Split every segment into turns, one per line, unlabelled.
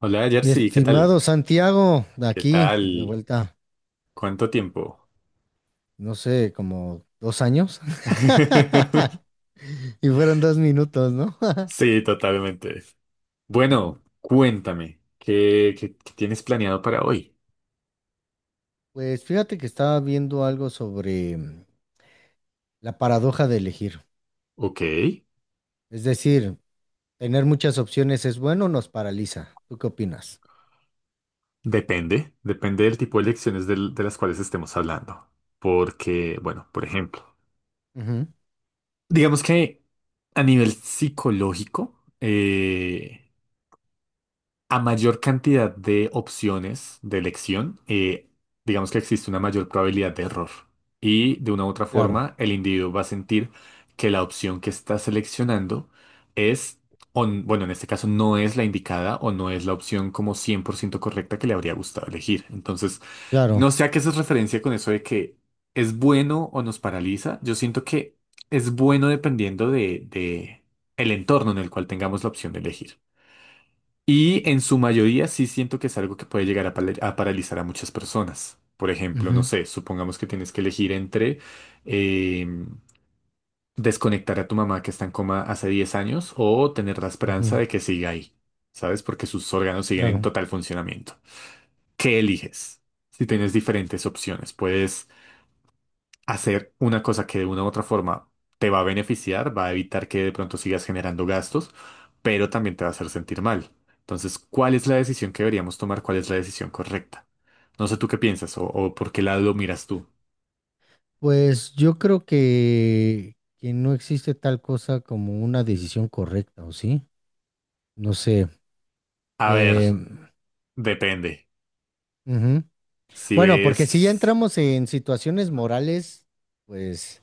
Hola
Mi
Jersey, ¿qué tal?
estimado Santiago, de
¿Qué
aquí, de
tal?
vuelta,
¿Cuánto tiempo?
no sé, como 2 años. Y fueron 2 minutos, ¿no?
Sí, totalmente. Bueno, cuéntame, ¿qué tienes planeado para hoy?
Pues fíjate que estaba viendo algo sobre la paradoja de elegir.
Ok,
Es decir, tener muchas opciones es bueno o nos paraliza. ¿Tú qué opinas?
depende, depende del tipo de lecciones de las cuales estemos hablando. Porque, bueno, por ejemplo,
Ujú.
digamos que a nivel psicológico, a mayor cantidad de opciones de elección, digamos que existe una mayor probabilidad de error. Y de una u otra
Claro,
forma, el individuo va a sentir que la opción que está seleccionando es, o bueno, en este caso no es la indicada o no es la opción como 100% correcta que le habría gustado elegir. Entonces,
claro.
no sé a qué haces referencia con eso de que es bueno o nos paraliza. Yo siento que es bueno dependiendo de el entorno en el cual tengamos la opción de elegir. Y en su mayoría sí siento que es algo que puede llegar a, a paralizar a muchas personas. Por ejemplo, no
Ujú.
sé, supongamos que tienes que elegir entre eh, desconectar a tu mamá que está en coma hace 10 años o tener la esperanza
Ujú.
de que siga ahí, ¿sabes? Porque sus órganos siguen en
Claro.
total funcionamiento. ¿Qué eliges? Si tienes diferentes opciones, puedes hacer una cosa que de una u otra forma te va a beneficiar, va a evitar que de pronto sigas generando gastos, pero también te va a hacer sentir mal. Entonces, ¿cuál es la decisión que deberíamos tomar? ¿Cuál es la decisión correcta? No sé tú qué piensas o por qué lado lo miras tú.
Pues yo creo que no existe tal cosa como una decisión correcta, ¿o sí? No sé.
A ver,
Eh,
depende.
Ujú.
Si
Bueno, porque
ves,
si ya entramos en situaciones morales, pues,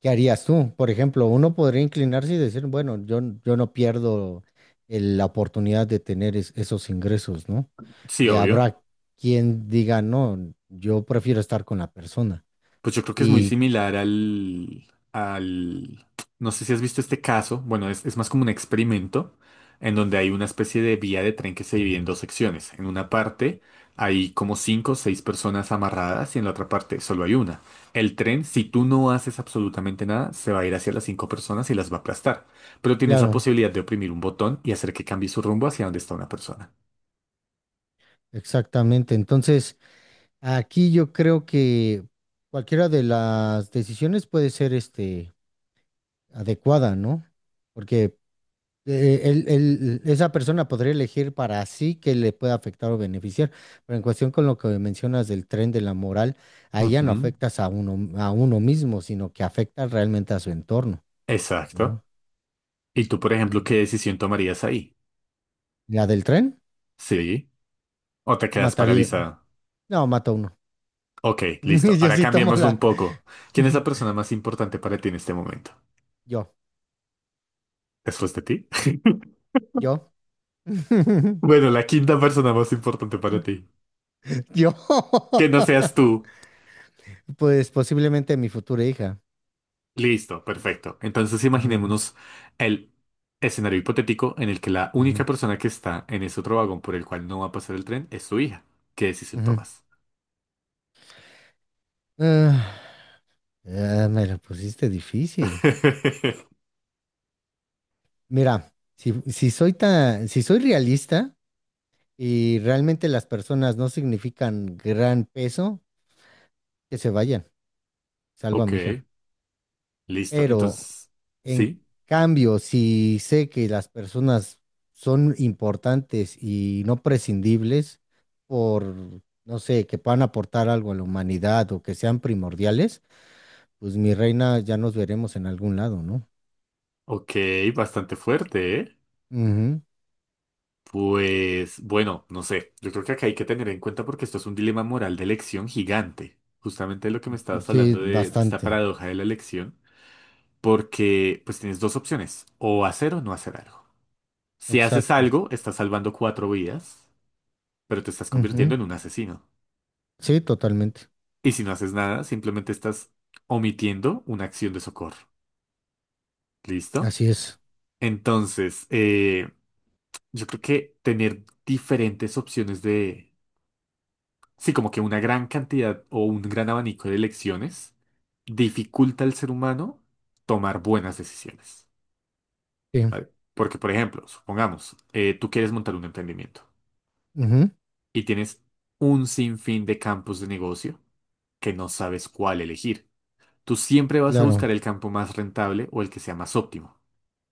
¿qué harías tú? Por ejemplo, uno podría inclinarse y decir, bueno, yo no pierdo la oportunidad de tener esos ingresos, ¿no?
sí,
Y
obvio.
habrá quien diga, no, yo prefiero estar con la persona.
Pues yo creo que es muy
Y
similar al, no sé si has visto este caso, bueno, es más como un experimento en donde hay una especie de vía de tren que se divide en dos secciones. En una parte hay como cinco o seis personas amarradas y en la otra parte solo hay una. El tren, si tú no haces absolutamente nada, se va a ir hacia las cinco personas y las va a aplastar. Pero tienes la
claro,
posibilidad de oprimir un botón y hacer que cambie su rumbo hacia donde está una persona.
exactamente. Entonces, aquí yo creo que cualquiera de las decisiones puede ser, este, adecuada, ¿no? Porque esa persona podría elegir para sí que le pueda afectar o beneficiar, pero en cuestión con lo que mencionas del tren de la moral, ahí ya no
Ujú,
afectas a uno mismo, sino que afectas realmente a su entorno, ¿no?
exacto. ¿Y tú, por ejemplo,
Entonces,
qué decisión tomarías ahí?
la del tren
Sí. O te quedas
mataría,
paralizada.
no, mata a uno.
Ok, listo.
Yo
Ahora
sí tomo
cambiémoslo un
la,
poco. ¿Quién es la persona más importante para ti en este momento?
yo,
¿Después de ti?
yo,
Bueno, la quinta persona más importante para ti.
yo,
Que no seas tú.
pues posiblemente mi futura hija.
Listo, perfecto. Entonces
Ujú.
imaginémonos el escenario hipotético en el que la
Ujú.
única persona que está en ese otro vagón por el cual no va a pasar el tren es tu hija. ¿Qué decisión
Ujú.
tomas?
Ah, ah, me lo pusiste difícil. Mira, si soy realista y realmente las personas no significan gran peso, que se vayan, salvo a
Ok,
mi hija.
listo.
Pero
Entonces,
en
sí.
cambio, si sé que las personas son importantes y no prescindibles por, no sé, que puedan aportar algo a la humanidad o que sean primordiales, pues mi reina ya nos veremos en algún lado, ¿no?
Ok, bastante fuerte, ¿eh?
Ujú.
Pues bueno, no sé, yo creo que acá hay que tener en cuenta porque esto es un dilema moral de elección gigante, justamente lo que me estabas
Sí,
hablando de esta
bastante.
paradoja de la elección, porque pues tienes dos opciones, o hacer o no hacer algo. Si haces
Exacto.
algo, estás salvando cuatro vidas, pero te estás convirtiendo
Ujú.
en un asesino.
Sí, totalmente.
Y si no haces nada, simplemente estás omitiendo una acción de socorro. ¿Listo?
Así es.
Entonces, yo creo que tener diferentes opciones de sí, como que una gran cantidad o un gran abanico de elecciones dificulta al ser humano tomar buenas decisiones,
Sí.
¿vale? Porque, por ejemplo, supongamos, tú quieres montar un emprendimiento
Ujú.
y tienes un sinfín de campos de negocio que no sabes cuál elegir. Tú siempre vas a
Claro.
buscar el campo más rentable o el que sea más óptimo.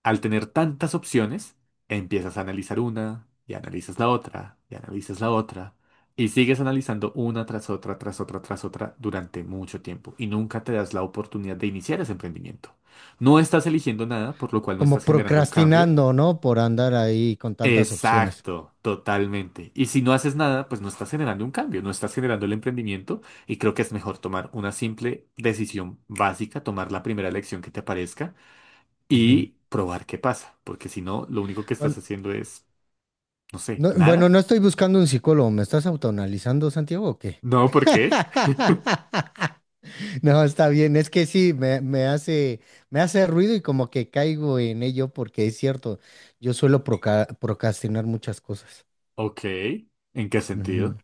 Al tener tantas opciones, empiezas a analizar una y analizas la otra y analizas la otra y sigues analizando una tras otra, tras otra, tras otra durante mucho tiempo y nunca te das la oportunidad de iniciar ese emprendimiento. No estás eligiendo nada, por lo cual no estás
Como
generando un cambio.
procrastinando, ¿no? Por andar ahí con tantas opciones.
Exacto, totalmente. Y si no haces nada, pues no estás generando un cambio, no estás generando el emprendimiento y creo que es mejor tomar una simple decisión básica, tomar la primera elección que te aparezca
Ujú.
y probar qué pasa, porque si no, lo único que estás
Bueno,
haciendo es, no sé,
no, bueno,
nada.
no estoy buscando un psicólogo. ¿Me estás autoanalizando, Santiago, o qué?
No, ¿por qué?
No, está bien. Es que sí, me hace ruido y como que caigo en ello porque es cierto, yo suelo procrastinar muchas cosas.
Ok, ¿en qué sentido?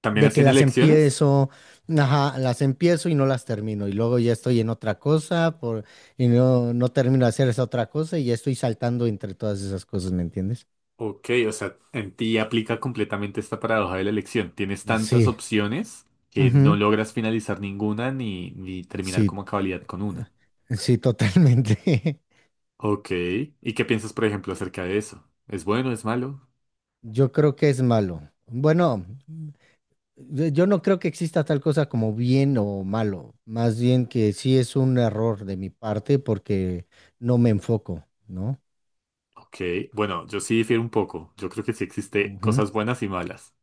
¿También
De que
hacían
las
elecciones?
empiezo, ajá, las empiezo y no las termino, y luego ya estoy en otra cosa por, y no, no termino de hacer esa otra cosa y ya estoy saltando entre todas esas cosas, ¿me entiendes?
Ok, o sea, en ti aplica completamente esta paradoja de la elección. Tienes tantas
Sí.
opciones que no
Ujú.
logras finalizar ninguna ni terminar
Sí,
como a cabalidad con una.
sí, totalmente.
Ok, ¿y qué piensas, por ejemplo, acerca de eso? ¿Es bueno, es malo?
Yo creo que es malo. Bueno, yo no creo que exista tal cosa como bien o malo, más bien que sí es un error de mi parte porque no me enfoco, ¿no?
Ok, bueno, yo sí difiero un poco. Yo creo que sí existe
Ujú.
cosas buenas y malas.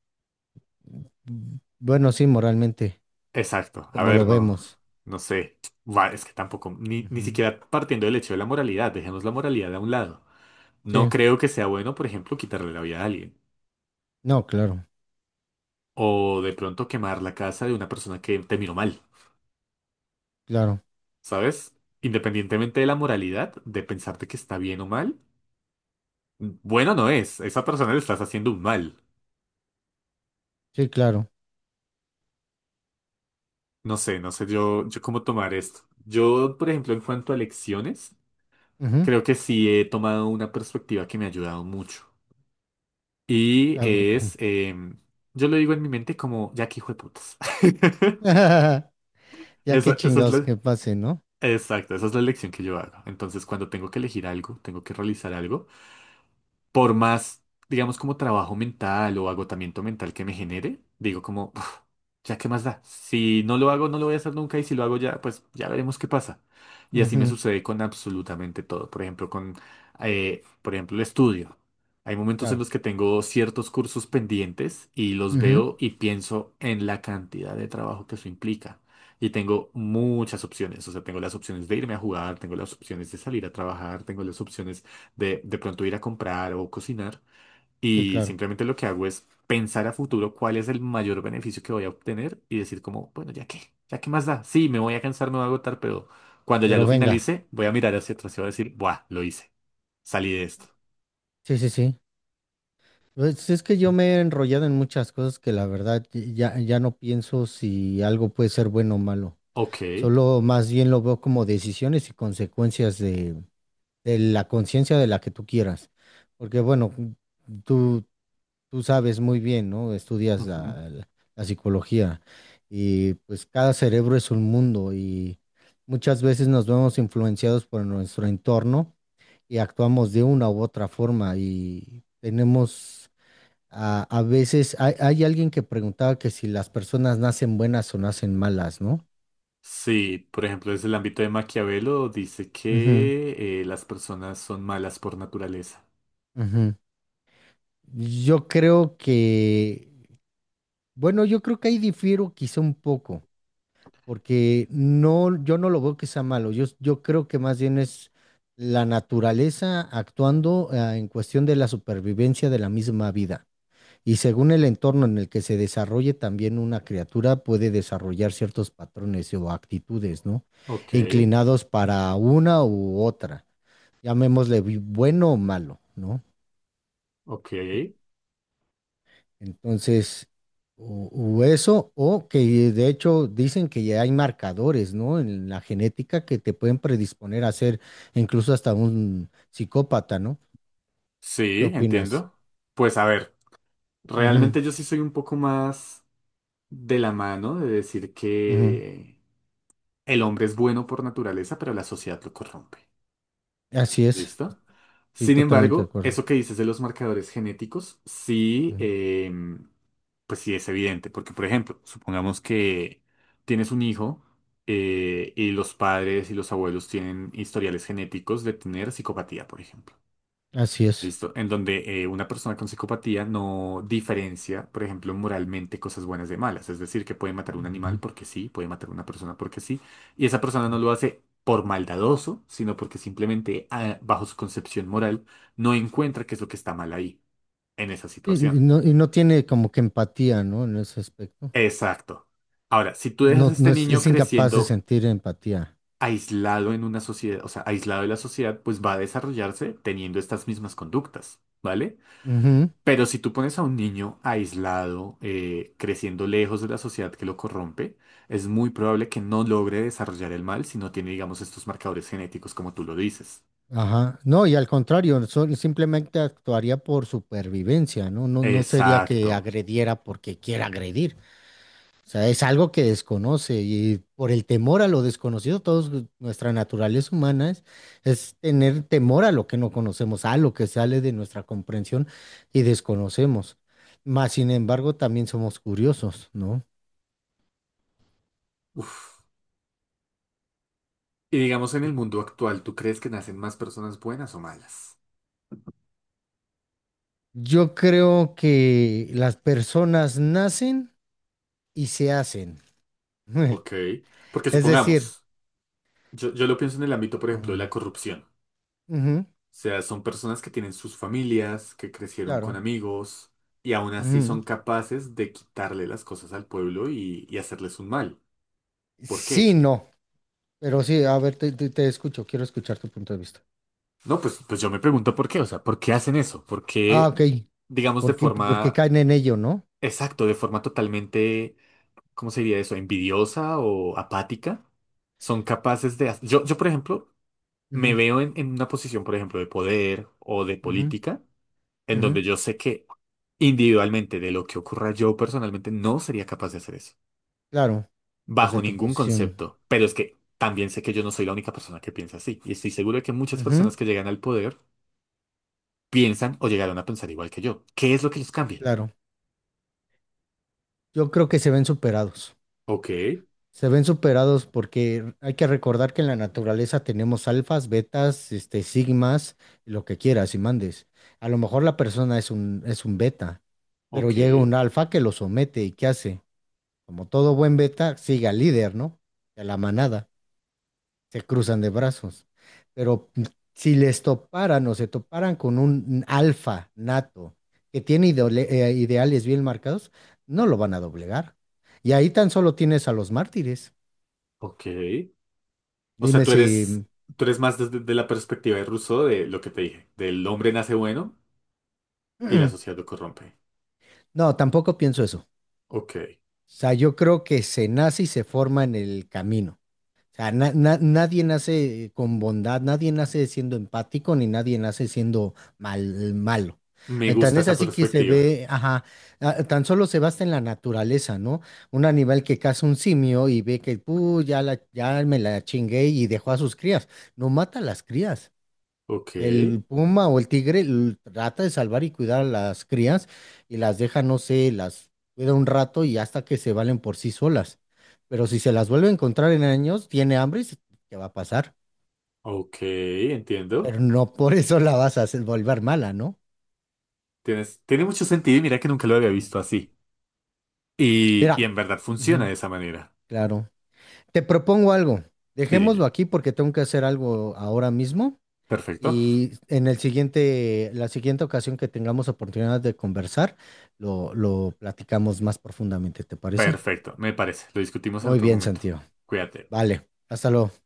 Bueno, sí, moralmente.
Exacto. A
Como lo
ver, no,
vemos.
no sé. Va, es que tampoco, ni
Ujú.
siquiera partiendo del hecho de la moralidad, dejemos la moralidad a un lado. No
Sí,
creo que sea bueno, por ejemplo, quitarle la vida a alguien.
no, claro,
O de pronto quemar la casa de una persona que te miró mal,
claro,
¿sabes? Independientemente de la moralidad, de pensar de que está bien o mal, bueno no es. A esa persona le estás haciendo un mal.
sí, claro.
No sé, no sé yo cómo tomar esto. Yo, por ejemplo, en cuanto a lecciones,
Ujú,
creo que sí he tomado una perspectiva que me ha ayudado mucho. Y
claro, ujú.
es, yo lo digo en mi mente como, ya que hijo de putas.
Ya que
Esa es
chingados
la,
que pase, ¿no?
exacto, esa es la elección que yo hago. Entonces, cuando tengo que elegir algo, tengo que realizar algo, por más, digamos, como trabajo mental o agotamiento mental que me genere, digo como, ya, ¿qué más da? Si no lo hago, no lo voy a hacer nunca y si lo hago ya, pues ya veremos qué pasa. Y así me
Ujú.
sucede con absolutamente todo. Por ejemplo, con, por ejemplo, el estudio. Hay momentos en
Claro.
los que tengo ciertos cursos pendientes y los
Ujú.
veo y pienso en la cantidad de trabajo que eso implica. Y tengo muchas opciones. O sea, tengo las opciones de irme a jugar, tengo las opciones de salir a trabajar, tengo las opciones de pronto ir a comprar o cocinar.
Sí,
Y
claro.
simplemente lo que hago es pensar a futuro cuál es el mayor beneficio que voy a obtener y decir como, bueno, ya qué más da. Sí, me voy a cansar, me voy a agotar, pero cuando ya
Pero
lo
venga,
finalice, voy a mirar hacia atrás y voy a decir, buah, lo hice, salí de esto.
sí, sí, sí. Pues es que yo me he enrollado en muchas cosas que la verdad ya, ya no pienso si algo puede ser bueno o malo.
Ok.
Solo más bien lo veo como decisiones y consecuencias de la conciencia de la que tú quieras. Porque bueno, tú, tú sabes muy bien, ¿no? Estudias
Ujú.
la psicología y pues cada cerebro es un mundo y muchas veces nos vemos influenciados por nuestro entorno y actuamos de una u otra forma y tenemos a veces, hay alguien que preguntaba que si las personas nacen buenas o nacen malas, ¿no?
Sí, por ejemplo, desde el ámbito de Maquiavelo dice
Ujú,
que las personas son malas por naturaleza.
ujú. Yo creo que, bueno, yo creo que ahí difiero quizá un poco. Porque no, yo no lo veo que sea malo. Yo creo que más bien es la naturaleza actuando, en cuestión de la supervivencia de la misma vida. Y según el entorno en el que se desarrolle, también una criatura puede desarrollar ciertos patrones o actitudes, ¿no?
Ok,
Inclinados para una u otra, llamémosle bueno o malo, ¿no?
ok.
Entonces, o eso, o que de hecho dicen que ya hay marcadores, ¿no? En la genética que te pueden predisponer a ser incluso hasta un psicópata, ¿no? O,
Sí,
¿qué opinas?
entiendo. Pues a ver,
Ujú,
realmente yo sí soy un poco más de la mano de decir
ujú.
que el hombre es bueno por naturaleza, pero la sociedad lo corrompe.
Así es,
¿Listo?
sí,
Sin
totalmente de
embargo,
acuerdo.
eso que dices de los marcadores genéticos, sí,
Ujú.
pues sí es evidente, porque por ejemplo, supongamos que tienes un hijo y los padres y los abuelos tienen historiales genéticos de tener psicopatía, por ejemplo.
Así es.
Listo. En donde una persona con psicopatía no diferencia, por ejemplo, moralmente cosas buenas de malas. Es decir, que puede matar a un animal
Ujú.
porque sí, puede matar a una persona porque sí. Y esa persona no lo hace por maldadoso, sino porque simplemente, ah, bajo su concepción moral, no encuentra qué es lo que está mal ahí, en esa
Y
situación.
no, y no tiene como que empatía, ¿no? En ese aspecto.
Exacto. Ahora, si tú dejas a
No, no
este
es,
niño
es incapaz de
creciendo
sentir empatía.
aislado en una sociedad, o sea, aislado de la sociedad, pues va a desarrollarse teniendo estas mismas conductas, ¿vale? Pero si tú pones a un niño aislado, creciendo lejos de la sociedad que lo corrompe, es muy probable que no logre desarrollar el mal si no tiene, digamos, estos marcadores genéticos como tú lo dices.
Ajá. No, y al contrario, simplemente actuaría por supervivencia, ¿no? No, no sería que
Exacto.
agrediera porque quiera agredir. O sea, es algo que desconoce y por el temor a lo desconocido, todos nuestra naturaleza humana es tener temor a lo que no conocemos, a lo que sale de nuestra comprensión y desconocemos. Mas, sin embargo, también somos curiosos, ¿no?
Uf. Y digamos, en el mundo actual, ¿tú crees que nacen más personas buenas o malas?
Yo creo que las personas nacen y se hacen.
Ok. Porque
Es decir.
supongamos, yo lo pienso en el ámbito, por ejemplo, de la corrupción.
Ujú,
Sea, son personas que tienen sus familias, que crecieron con
claro.
amigos y aún así
Ujú.
son capaces de quitarle las cosas al pueblo y hacerles un mal. ¿Por
Sí,
qué?
no, pero sí, a ver, te escucho, quiero escuchar tu punto de vista.
No, pues, pues yo me pregunto por qué, o sea, ¿por qué hacen eso? ¿Por
Ah,
qué,
ok.
digamos, de
¿Por qué
forma,
caen en ello, no?
exacto, de forma totalmente, ¿cómo se diría eso? ¿Envidiosa o apática? Son capaces de... Yo, por ejemplo, me
Ujú,
veo en una posición, por ejemplo, de poder o de
ujú,
política. En
ujú.
donde yo sé que individualmente de lo que ocurra yo personalmente no sería capaz de hacer eso,
Claro, desde
bajo
tu
ningún
posición.
concepto, pero es que también sé que yo no soy la única persona que piensa así y estoy seguro de que muchas
Ujú.
personas que llegan al poder piensan o llegaron a pensar igual que yo. ¿Qué es lo que los cambia?
Claro, yo creo que se ven superados.
Ok,
Se ven superados porque hay que recordar que en la naturaleza tenemos alfas, betas, este, sigmas, lo que quieras y mandes. A lo mejor la persona es un beta, pero
ok,
llega un alfa que lo somete y ¿qué hace? Como todo buen beta, sigue al líder, ¿no? Y a la manada. Se cruzan de brazos. Pero si les toparan o se toparan con un alfa nato que tiene ideales bien marcados, no lo van a doblegar. Y ahí tan solo tienes a los mártires.
ok. O sea,
Dime si... Mm.
tú eres más desde de la perspectiva de Rousseau de lo que te dije, del hombre nace bueno y la
Mm.
sociedad lo corrompe.
No, tampoco pienso eso. O
Ok,
sea, yo creo que se nace y se forma en el camino. O sea, nadie nace con bondad, nadie nace siendo empático, ni nadie nace siendo malo.
me
Tan
gusta
es
esa
así que se
perspectiva.
ve, ajá, tan solo se basa en la naturaleza, ¿no? Un animal que caza un simio y ve que, "Puh, ya me la chingué y dejó a sus crías. No mata a las crías.
Ok,
El puma o el tigre trata de salvar y cuidar a las crías y las deja, no sé, las cuida un rato y hasta que se valen por sí solas. Pero si se las vuelve a encontrar en años, tiene hambre y ¿qué va a pasar?
ok,
Pero
entiendo.
no por eso la vas a hacer volver mala, ¿no?
Tienes, tiene mucho sentido y mira que nunca lo había visto así. Y en
Mira,
verdad funciona de
ujú,
esa manera.
claro. Te propongo algo.
Sí,
Dejémoslo
dime.
aquí porque tengo que hacer algo ahora mismo.
Perfecto.
Y en la siguiente ocasión que tengamos oportunidad de conversar, lo platicamos más profundamente, ¿te parece?
Perfecto, me parece. Lo discutimos en
Muy
otro
bien,
momento.
Santiago.
Cuídate.
Vale, hasta luego.